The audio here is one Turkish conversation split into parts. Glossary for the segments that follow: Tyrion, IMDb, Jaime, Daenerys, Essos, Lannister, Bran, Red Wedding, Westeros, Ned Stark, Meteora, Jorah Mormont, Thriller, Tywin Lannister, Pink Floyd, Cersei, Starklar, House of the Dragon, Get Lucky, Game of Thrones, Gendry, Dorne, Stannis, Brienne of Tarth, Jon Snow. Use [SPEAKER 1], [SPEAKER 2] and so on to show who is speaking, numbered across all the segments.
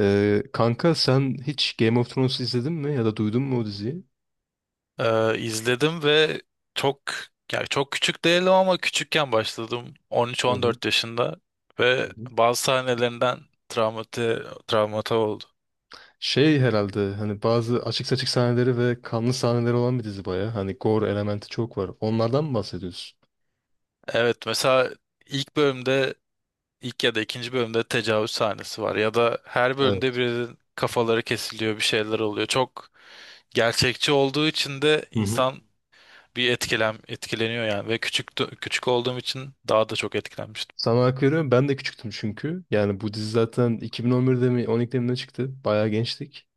[SPEAKER 1] Kanka sen hiç Game of Thrones izledin mi ya da duydun mu o diziyi?
[SPEAKER 2] İzledim ve çok çok küçük değilim ama küçükken başladım
[SPEAKER 1] Hı hı.
[SPEAKER 2] 13-14 yaşında
[SPEAKER 1] Hı
[SPEAKER 2] ve
[SPEAKER 1] hı.
[SPEAKER 2] bazı sahnelerinden travmati, travmata oldu.
[SPEAKER 1] Şey herhalde hani bazı açık saçık sahneleri ve kanlı sahneleri olan bir dizi baya. Hani gore elementi çok var. Onlardan mı bahsediyorsun?
[SPEAKER 2] Evet, mesela ilk bölümde ilk ya da ikinci bölümde tecavüz sahnesi var ya da her
[SPEAKER 1] Evet.
[SPEAKER 2] bölümde birinin kafaları kesiliyor, bir şeyler oluyor. Çok gerçekçi olduğu için de
[SPEAKER 1] Hı hı.
[SPEAKER 2] insan bir etkileniyor yani. Ve küçük olduğum için daha da çok etkilenmiştim.
[SPEAKER 1] Sana hak veriyorum. Ben de küçüktüm çünkü. Yani bu dizi zaten 2011'de mi 12'de mi ne çıktı? Bayağı gençtik.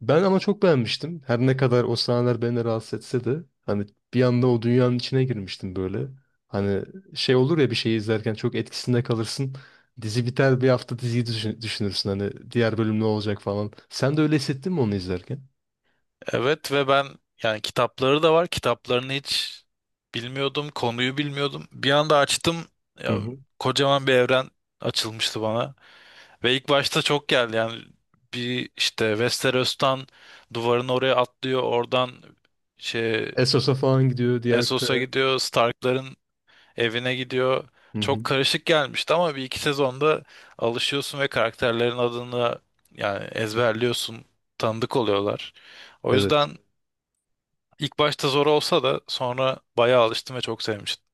[SPEAKER 1] Ben ama çok beğenmiştim. Her ne kadar o sahneler beni rahatsız etse de hani bir anda o dünyanın içine girmiştim böyle. Hani şey olur ya bir şeyi izlerken çok etkisinde kalırsın. Dizi biter bir hafta diziyi düşünürsün hani diğer bölüm ne olacak falan. Sen de öyle hissettin mi onu izlerken?
[SPEAKER 2] Evet, ve ben yani kitapları da var. Kitaplarını hiç bilmiyordum. Konuyu bilmiyordum. Bir anda açtım.
[SPEAKER 1] Hı
[SPEAKER 2] Ya,
[SPEAKER 1] hı.
[SPEAKER 2] kocaman bir evren açılmıştı bana. Ve ilk başta çok geldi yani. Bir işte Westeros'tan duvarın oraya atlıyor. Oradan şey
[SPEAKER 1] Essos'a falan gidiyor diğer
[SPEAKER 2] Essos'a
[SPEAKER 1] kıta.
[SPEAKER 2] gidiyor. Stark'ların evine gidiyor.
[SPEAKER 1] Hı
[SPEAKER 2] Çok
[SPEAKER 1] hı.
[SPEAKER 2] karışık gelmişti ama bir iki sezonda alışıyorsun ve karakterlerin adını yani ezberliyorsun. Tanıdık oluyorlar. O
[SPEAKER 1] Evet.
[SPEAKER 2] yüzden İlk başta zor olsa da sonra bayağı alıştım ve çok sevmiştim.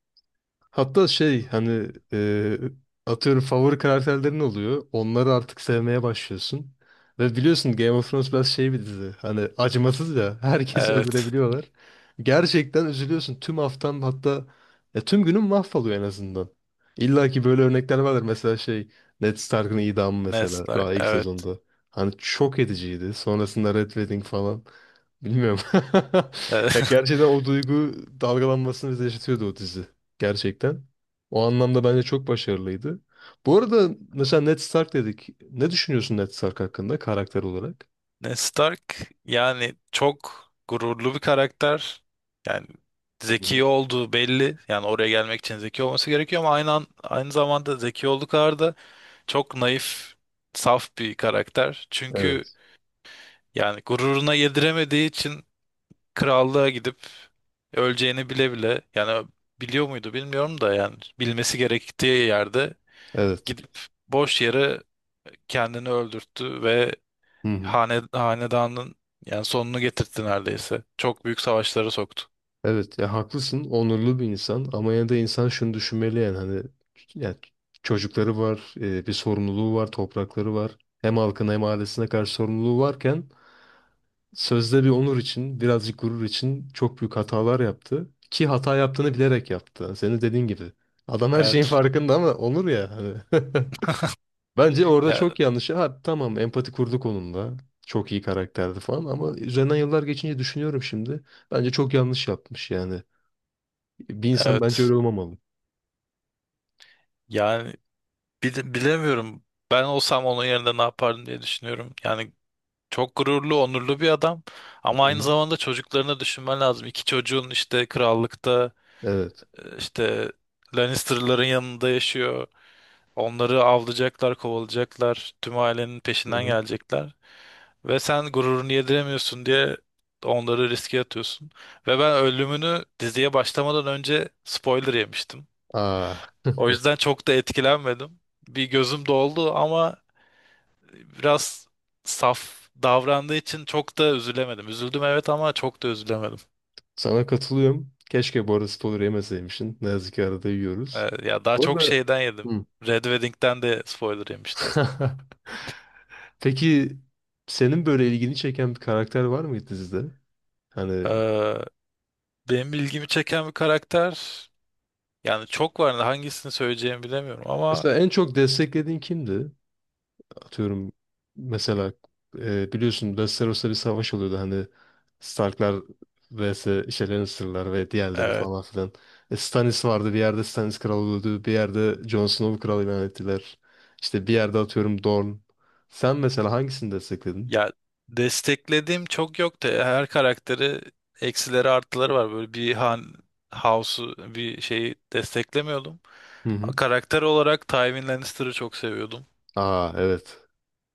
[SPEAKER 1] Hatta şey hani atıyorum favori karakterlerin oluyor. Onları artık sevmeye başlıyorsun. Ve biliyorsun Game of
[SPEAKER 2] Biliyorsun
[SPEAKER 1] Thrones
[SPEAKER 2] ki.
[SPEAKER 1] biraz şey bir dizi. Hani acımasız ya. Herkesi
[SPEAKER 2] Evet.
[SPEAKER 1] öldürebiliyorlar. Gerçekten üzülüyorsun. Tüm haftan hatta ya tüm günün mahvoluyor en azından. İlla ki böyle örnekler vardır. Mesela şey Ned Stark'ın idamı
[SPEAKER 2] Ned
[SPEAKER 1] mesela
[SPEAKER 2] Stark.
[SPEAKER 1] daha ilk sezonda.
[SPEAKER 2] Evet.
[SPEAKER 1] Hani çok ediciydi. Sonrasında Red Wedding falan. Bilmiyorum.
[SPEAKER 2] Ee,
[SPEAKER 1] Ya gerçekten o duygu dalgalanmasını bize yaşatıyordu o dizi. Gerçekten. O anlamda bence çok başarılıydı. Bu arada mesela Ned Stark dedik. Ne düşünüyorsun Ned Stark hakkında karakter olarak?
[SPEAKER 2] Ned Stark yani çok gururlu bir karakter. Yani
[SPEAKER 1] Hı hı.
[SPEAKER 2] zeki olduğu belli. Yani oraya gelmek için zeki olması gerekiyor ama aynı zamanda zeki olduğu kadar da çok naif, saf bir karakter. Çünkü
[SPEAKER 1] Evet.
[SPEAKER 2] yani gururuna yediremediği için krallığa gidip öleceğini bile bile, yani biliyor muydu bilmiyorum da, yani bilmesi gerektiği yerde
[SPEAKER 1] Evet.
[SPEAKER 2] gidip boş yere kendini öldürttü ve
[SPEAKER 1] Hı hı.
[SPEAKER 2] hanedanın yani sonunu getirtti neredeyse. Çok büyük savaşlara soktu.
[SPEAKER 1] Evet ya haklısın. Onurlu bir insan ama yine de insan şunu düşünmeli yani hani yani çocukları var, bir sorumluluğu var, toprakları var. Hem halkına hem ailesine karşı sorumluluğu varken sözde bir onur için, birazcık gurur için çok büyük hatalar yaptı. Ki hata yaptığını bilerek yaptı. Senin dediğin gibi. Adam her şeyin
[SPEAKER 2] Evet.
[SPEAKER 1] farkında ama onur ya hani. Bence orada
[SPEAKER 2] Ya
[SPEAKER 1] çok yanlış. Ha tamam empati kurduk onunla. Çok iyi karakterdi falan ama üzerinden yıllar geçince düşünüyorum şimdi. Bence çok yanlış yapmış yani. Bir insan bence
[SPEAKER 2] evet.
[SPEAKER 1] öyle olmamalı.
[SPEAKER 2] Yani bilemiyorum. Ben olsam onun yerinde ne yapardım diye düşünüyorum. Yani çok gururlu, onurlu bir adam ama
[SPEAKER 1] Hı
[SPEAKER 2] aynı
[SPEAKER 1] hı.
[SPEAKER 2] zamanda çocuklarını düşünmen lazım. İki çocuğun işte krallıkta,
[SPEAKER 1] Evet.
[SPEAKER 2] İşte Lannister'ların yanında yaşıyor. Onları avlayacaklar, kovalayacaklar. Tüm ailenin
[SPEAKER 1] Hı
[SPEAKER 2] peşinden
[SPEAKER 1] hı.
[SPEAKER 2] gelecekler. Ve sen gururunu yediremiyorsun diye onları riske atıyorsun. Ve ben ölümünü diziye başlamadan önce spoiler yemiştim.
[SPEAKER 1] Aa,
[SPEAKER 2] O yüzden çok da etkilenmedim. Bir gözüm doldu ama biraz saf davrandığı için çok da üzülemedim. Üzüldüm evet, ama çok da üzülemedim.
[SPEAKER 1] sana katılıyorum. Keşke bu arada spoiler yemeseymişsin. Ne yazık ki arada yiyoruz.
[SPEAKER 2] Ee, ya daha
[SPEAKER 1] Bu
[SPEAKER 2] çok
[SPEAKER 1] arada...
[SPEAKER 2] şeyden yedim.
[SPEAKER 1] Hı.
[SPEAKER 2] Red Wedding'den de spoiler yemiştim.
[SPEAKER 1] Peki senin böyle ilgini çeken bir karakter var mıydı dizide? Hani
[SPEAKER 2] Ee, Benim ilgimi çeken bir karakter yani çok var da hangisini söyleyeceğimi bilemiyorum ama
[SPEAKER 1] mesela en çok desteklediğin kimdi? Atıyorum mesela biliyorsun Westeros'ta bir savaş oluyordu hani Starklar vs. işte Lannister'lar ve diğerleri
[SPEAKER 2] evet.
[SPEAKER 1] falan filan. E, Stannis vardı bir yerde Stannis kral öldü bir yerde Jon Snow kral ilan ettiler. İşte bir yerde atıyorum Dorne. Sen mesela hangisini destekledin?
[SPEAKER 2] Ya, desteklediğim çok yok da her karakteri, eksileri artıları var, böyle bir house'u bir şeyi desteklemiyordum.
[SPEAKER 1] Hı hı.
[SPEAKER 2] Karakter olarak Tywin Lannister'ı çok seviyordum.
[SPEAKER 1] Aa evet.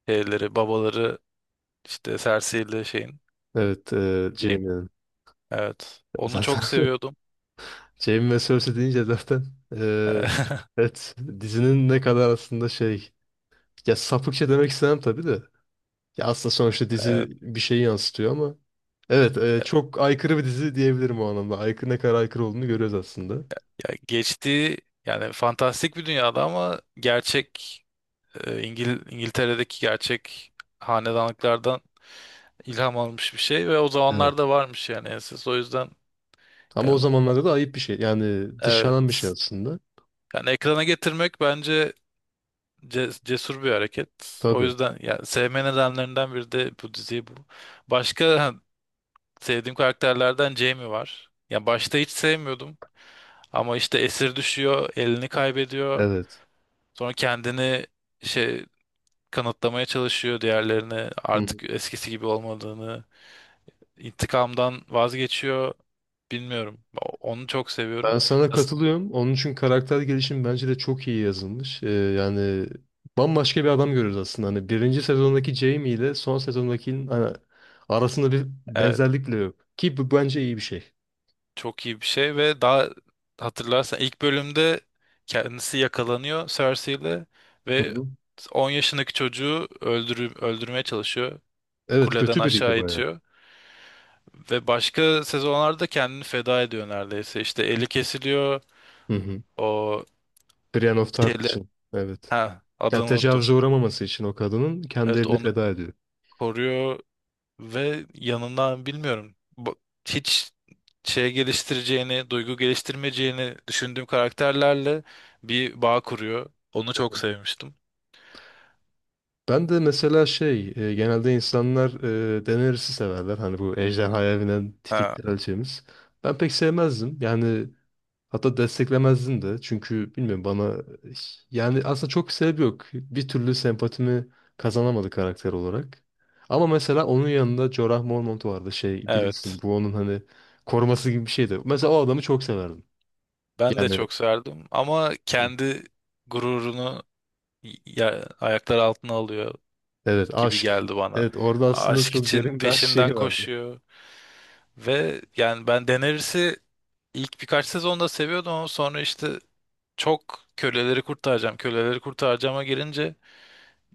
[SPEAKER 2] Şeyleri, babaları, işte Cersei ile şeyin,
[SPEAKER 1] Evet
[SPEAKER 2] Jaime.
[SPEAKER 1] Jaime'nin
[SPEAKER 2] Evet. Onu çok
[SPEAKER 1] zaten.
[SPEAKER 2] seviyordum.
[SPEAKER 1] Jamie ve Cersei deyince zaten eee, evet dizinin ne kadar aslında şey ya sapıkça demek istemem tabii de ya aslında sonuçta
[SPEAKER 2] Evet.
[SPEAKER 1] dizi bir şeyi yansıtıyor ama evet
[SPEAKER 2] Ya,
[SPEAKER 1] çok aykırı bir dizi diyebilirim o anlamda. Aykırı ne kadar aykırı olduğunu görüyoruz aslında.
[SPEAKER 2] ya geçtiği yani fantastik bir dünyada ama gerçek, İngiltere'deki gerçek hanedanlıklardan ilham almış bir şey ve o
[SPEAKER 1] Evet.
[SPEAKER 2] zamanlarda varmış yani enses. O yüzden
[SPEAKER 1] Ama o
[SPEAKER 2] yani
[SPEAKER 1] zamanlarda da ayıp bir şey. Yani dışlanan bir şey
[SPEAKER 2] evet.
[SPEAKER 1] aslında.
[SPEAKER 2] Yani ekrana getirmek bence cesur bir hareket. O
[SPEAKER 1] Tabii.
[SPEAKER 2] yüzden yani sevme nedenlerinden biri de bu diziyi bu. Başka ha, sevdiğim karakterlerden Jamie var. Ya başta hiç sevmiyordum ama işte esir düşüyor, elini kaybediyor.
[SPEAKER 1] Evet.
[SPEAKER 2] Sonra kendini şey kanıtlamaya çalışıyor diğerlerine,
[SPEAKER 1] Hı.
[SPEAKER 2] artık eskisi gibi olmadığını. İntikamdan vazgeçiyor, bilmiyorum. Onu çok seviyorum.
[SPEAKER 1] Ben sana
[SPEAKER 2] Yaz-
[SPEAKER 1] katılıyorum. Onun için karakter gelişimi bence de çok iyi yazılmış. Yani bambaşka bir adam görüyoruz aslında. Hani birinci sezondaki Jamie ile son sezondakinin hani arasında bir
[SPEAKER 2] evet,
[SPEAKER 1] benzerlik bile yok. Ki bu bence iyi bir şey.
[SPEAKER 2] çok iyi bir şey. Ve daha, hatırlarsan ilk bölümde kendisi yakalanıyor Cersei ile
[SPEAKER 1] Hı
[SPEAKER 2] ve
[SPEAKER 1] hı.
[SPEAKER 2] 10 yaşındaki çocuğu öldürmeye çalışıyor.
[SPEAKER 1] Evet
[SPEAKER 2] Kuleden
[SPEAKER 1] kötü biriydi
[SPEAKER 2] aşağı
[SPEAKER 1] bayağı.
[SPEAKER 2] itiyor. Ve başka sezonlarda kendini feda ediyor neredeyse. İşte eli kesiliyor.
[SPEAKER 1] Hı hı.
[SPEAKER 2] O
[SPEAKER 1] Brienne of Tarth
[SPEAKER 2] şeyler,
[SPEAKER 1] için. Evet.
[SPEAKER 2] ha
[SPEAKER 1] Yani
[SPEAKER 2] adını unuttum.
[SPEAKER 1] tecavüze uğramaması için o kadının kendi
[SPEAKER 2] Evet,
[SPEAKER 1] elini
[SPEAKER 2] onu
[SPEAKER 1] feda ediyor.
[SPEAKER 2] koruyor. Ve yanından bilmiyorum. Hiç şey geliştireceğini, duygu geliştirmeyeceğini düşündüğüm karakterlerle bir bağ kuruyor. Onu çok sevmiştim.
[SPEAKER 1] Ben de mesela şey, genelde insanlar Daenerys'i severler. Hani bu ejderhaya binen tipik
[SPEAKER 2] Ha.
[SPEAKER 1] kraliçemiz. Ben pek sevmezdim. Yani hatta desteklemezdim de. Çünkü bilmiyorum bana yani aslında çok sebep yok. Bir türlü sempatimi kazanamadı karakter olarak. Ama mesela onun yanında Jorah Mormont vardı şey bilirsin
[SPEAKER 2] Evet.
[SPEAKER 1] bu onun hani koruması gibi bir şeydi. Mesela o adamı çok severdim.
[SPEAKER 2] Ben de
[SPEAKER 1] Yani
[SPEAKER 2] çok serdim ama kendi gururunu, ya, ayaklar altına alıyor
[SPEAKER 1] evet
[SPEAKER 2] gibi
[SPEAKER 1] aşk.
[SPEAKER 2] geldi bana.
[SPEAKER 1] Evet orada aslında
[SPEAKER 2] Aşk
[SPEAKER 1] çok
[SPEAKER 2] için
[SPEAKER 1] derin bir aşk
[SPEAKER 2] peşinden
[SPEAKER 1] şeyi vardı.
[SPEAKER 2] koşuyor. Ve yani ben Daenerys'i ilk birkaç sezonda seviyordum ama sonra işte köleleri kurtaracağıma gelince,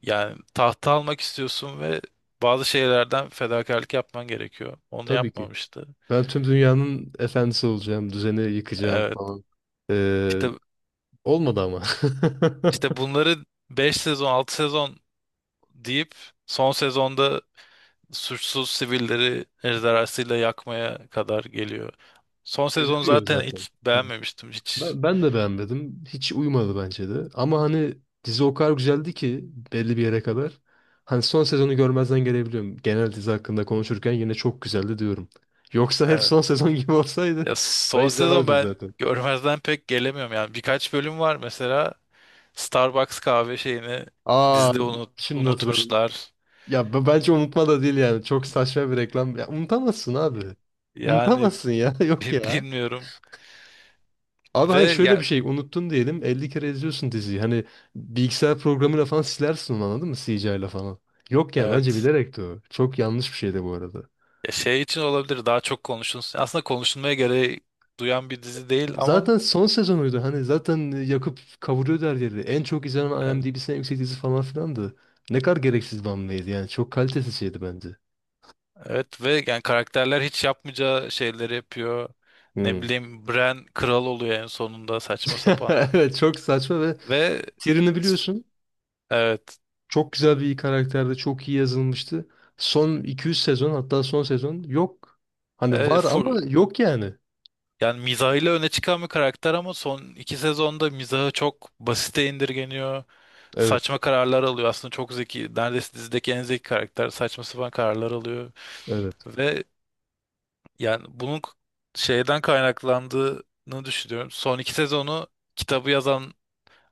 [SPEAKER 2] yani tahta almak istiyorsun ve bazı şeylerden fedakarlık yapman gerekiyor. Onu
[SPEAKER 1] Tabii ki.
[SPEAKER 2] yapmamıştı.
[SPEAKER 1] Ben tüm dünyanın efendisi olacağım, düzeni yıkacağım
[SPEAKER 2] Evet.
[SPEAKER 1] falan. Ee,
[SPEAKER 2] İşte,
[SPEAKER 1] Olmadı ama.
[SPEAKER 2] işte bunları 5 sezon, 6 sezon deyip son sezonda suçsuz sivilleri ejderhasıyla yakmaya kadar geliyor. Son sezonu
[SPEAKER 1] Ediliyor
[SPEAKER 2] zaten
[SPEAKER 1] zaten.
[SPEAKER 2] hiç
[SPEAKER 1] Hı.
[SPEAKER 2] beğenmemiştim, hiç.
[SPEAKER 1] Ben de beğenmedim. Hiç uymadı bence de. Ama hani dizi o kadar güzeldi ki belli bir yere kadar. Hani son sezonu görmezden gelebiliyorum. Genel dizi hakkında konuşurken yine çok güzeldi diyorum. Yoksa hep
[SPEAKER 2] Evet.
[SPEAKER 1] son sezon gibi olsaydı
[SPEAKER 2] Ya
[SPEAKER 1] ben
[SPEAKER 2] son sezon
[SPEAKER 1] izlemezdim
[SPEAKER 2] ben
[SPEAKER 1] zaten.
[SPEAKER 2] görmezden pek gelemiyorum yani. Birkaç bölüm var, mesela Starbucks kahve şeyini
[SPEAKER 1] Aa
[SPEAKER 2] dizide
[SPEAKER 1] şimdi hatırladım.
[SPEAKER 2] unutmuşlar.
[SPEAKER 1] Ya bence unutma da değil yani. Çok saçma bir reklam. Ya unutamazsın abi.
[SPEAKER 2] Yani
[SPEAKER 1] Unutamazsın ya. Yok ya.
[SPEAKER 2] Bilmiyorum.
[SPEAKER 1] Abi hayır
[SPEAKER 2] Ve
[SPEAKER 1] şöyle bir
[SPEAKER 2] ya
[SPEAKER 1] şey unuttun diyelim 50 kere izliyorsun diziyi. Hani bilgisayar programıyla falan silersin onu anladın mı? CGI ile falan. Yok ya bence
[SPEAKER 2] evet.
[SPEAKER 1] bilerekti o. Çok yanlış bir şeydi bu arada.
[SPEAKER 2] Ya şey için olabilir daha çok konuşulsun. Aslında konuşulmaya gereği duyan bir dizi değil ama
[SPEAKER 1] Zaten son sezonuydu. Hani zaten yakıp kavuruyordu her yeri. En çok izlenen
[SPEAKER 2] evet.
[SPEAKER 1] IMDb'si en yüksek dizi falan filandı. Ne kadar gereksiz bir hamleydi yani. Çok kalitesiz şeydi bence.
[SPEAKER 2] Evet ve yani karakterler hiç yapmayacağı şeyleri yapıyor. Ne
[SPEAKER 1] Hmm.
[SPEAKER 2] bileyim, Bran kral oluyor en sonunda, saçma sapan.
[SPEAKER 1] Evet çok saçma ve
[SPEAKER 2] Ve
[SPEAKER 1] Tyrion'u
[SPEAKER 2] s-
[SPEAKER 1] biliyorsun.
[SPEAKER 2] evet.
[SPEAKER 1] Çok güzel bir karakterdi. Çok iyi yazılmıştı. Son 200 sezon hatta son sezon yok. Hani
[SPEAKER 2] evet
[SPEAKER 1] var ama
[SPEAKER 2] full,
[SPEAKER 1] yok yani.
[SPEAKER 2] yani mizahıyla öne çıkan bir karakter ama son iki sezonda mizahı çok basite indirgeniyor.
[SPEAKER 1] Evet,
[SPEAKER 2] Saçma kararlar alıyor. Aslında çok zeki. Neredeyse dizideki en zeki karakter saçma sapan kararlar alıyor.
[SPEAKER 1] evet,
[SPEAKER 2] Ve yani bunun şeyden kaynaklandığını düşünüyorum. Son iki sezonu kitabı yazan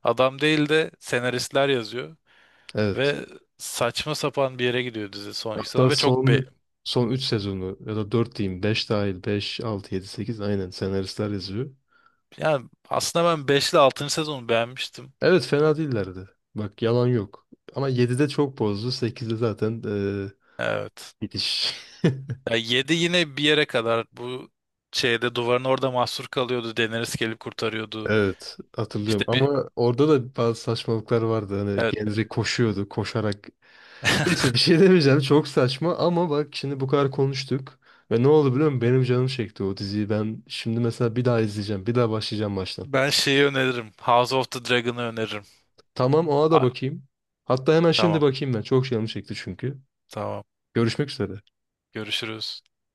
[SPEAKER 2] adam değil de senaristler yazıyor.
[SPEAKER 1] evet.
[SPEAKER 2] Ve saçma sapan bir yere gidiyor dizi son iki sezonu.
[SPEAKER 1] Hatta
[SPEAKER 2] Ve çok be
[SPEAKER 1] son 3 sezonu ya da 4 diyeyim 5 dahil 5 6 7 8 aynen senaristler yazıyor.
[SPEAKER 2] yani aslında ben 5 ile 6'ncı sezonu beğenmiştim.
[SPEAKER 1] Evet fena değillerdi. Bak yalan yok. Ama 7'de çok bozdu. 8'de zaten
[SPEAKER 2] Evet.
[SPEAKER 1] bitiş.
[SPEAKER 2] Ya 7 yine bir yere kadar, bu şeyde duvarın orada mahsur kalıyordu. Daenerys gelip kurtarıyordu.
[SPEAKER 1] Evet hatırlıyorum.
[SPEAKER 2] İşte bir
[SPEAKER 1] Ama orada da bazı saçmalıklar vardı. Hani
[SPEAKER 2] evet,
[SPEAKER 1] Gendry koşuyordu koşarak. Neyse bir şey demeyeceğim. Çok saçma ama bak şimdi bu kadar konuştuk. Ve ne oldu biliyor musun? Benim canım çekti o diziyi. Ben şimdi mesela bir daha izleyeceğim. Bir daha başlayacağım baştan.
[SPEAKER 2] ben şeyi öneririm. House of the Dragon'ı öneririm.
[SPEAKER 1] Tamam ona da
[SPEAKER 2] A-
[SPEAKER 1] bakayım. Hatta hemen şimdi
[SPEAKER 2] tamam,
[SPEAKER 1] bakayım ben. Çok canım çekti çünkü.
[SPEAKER 2] tamam,
[SPEAKER 1] Görüşmek üzere.
[SPEAKER 2] görüşürüz.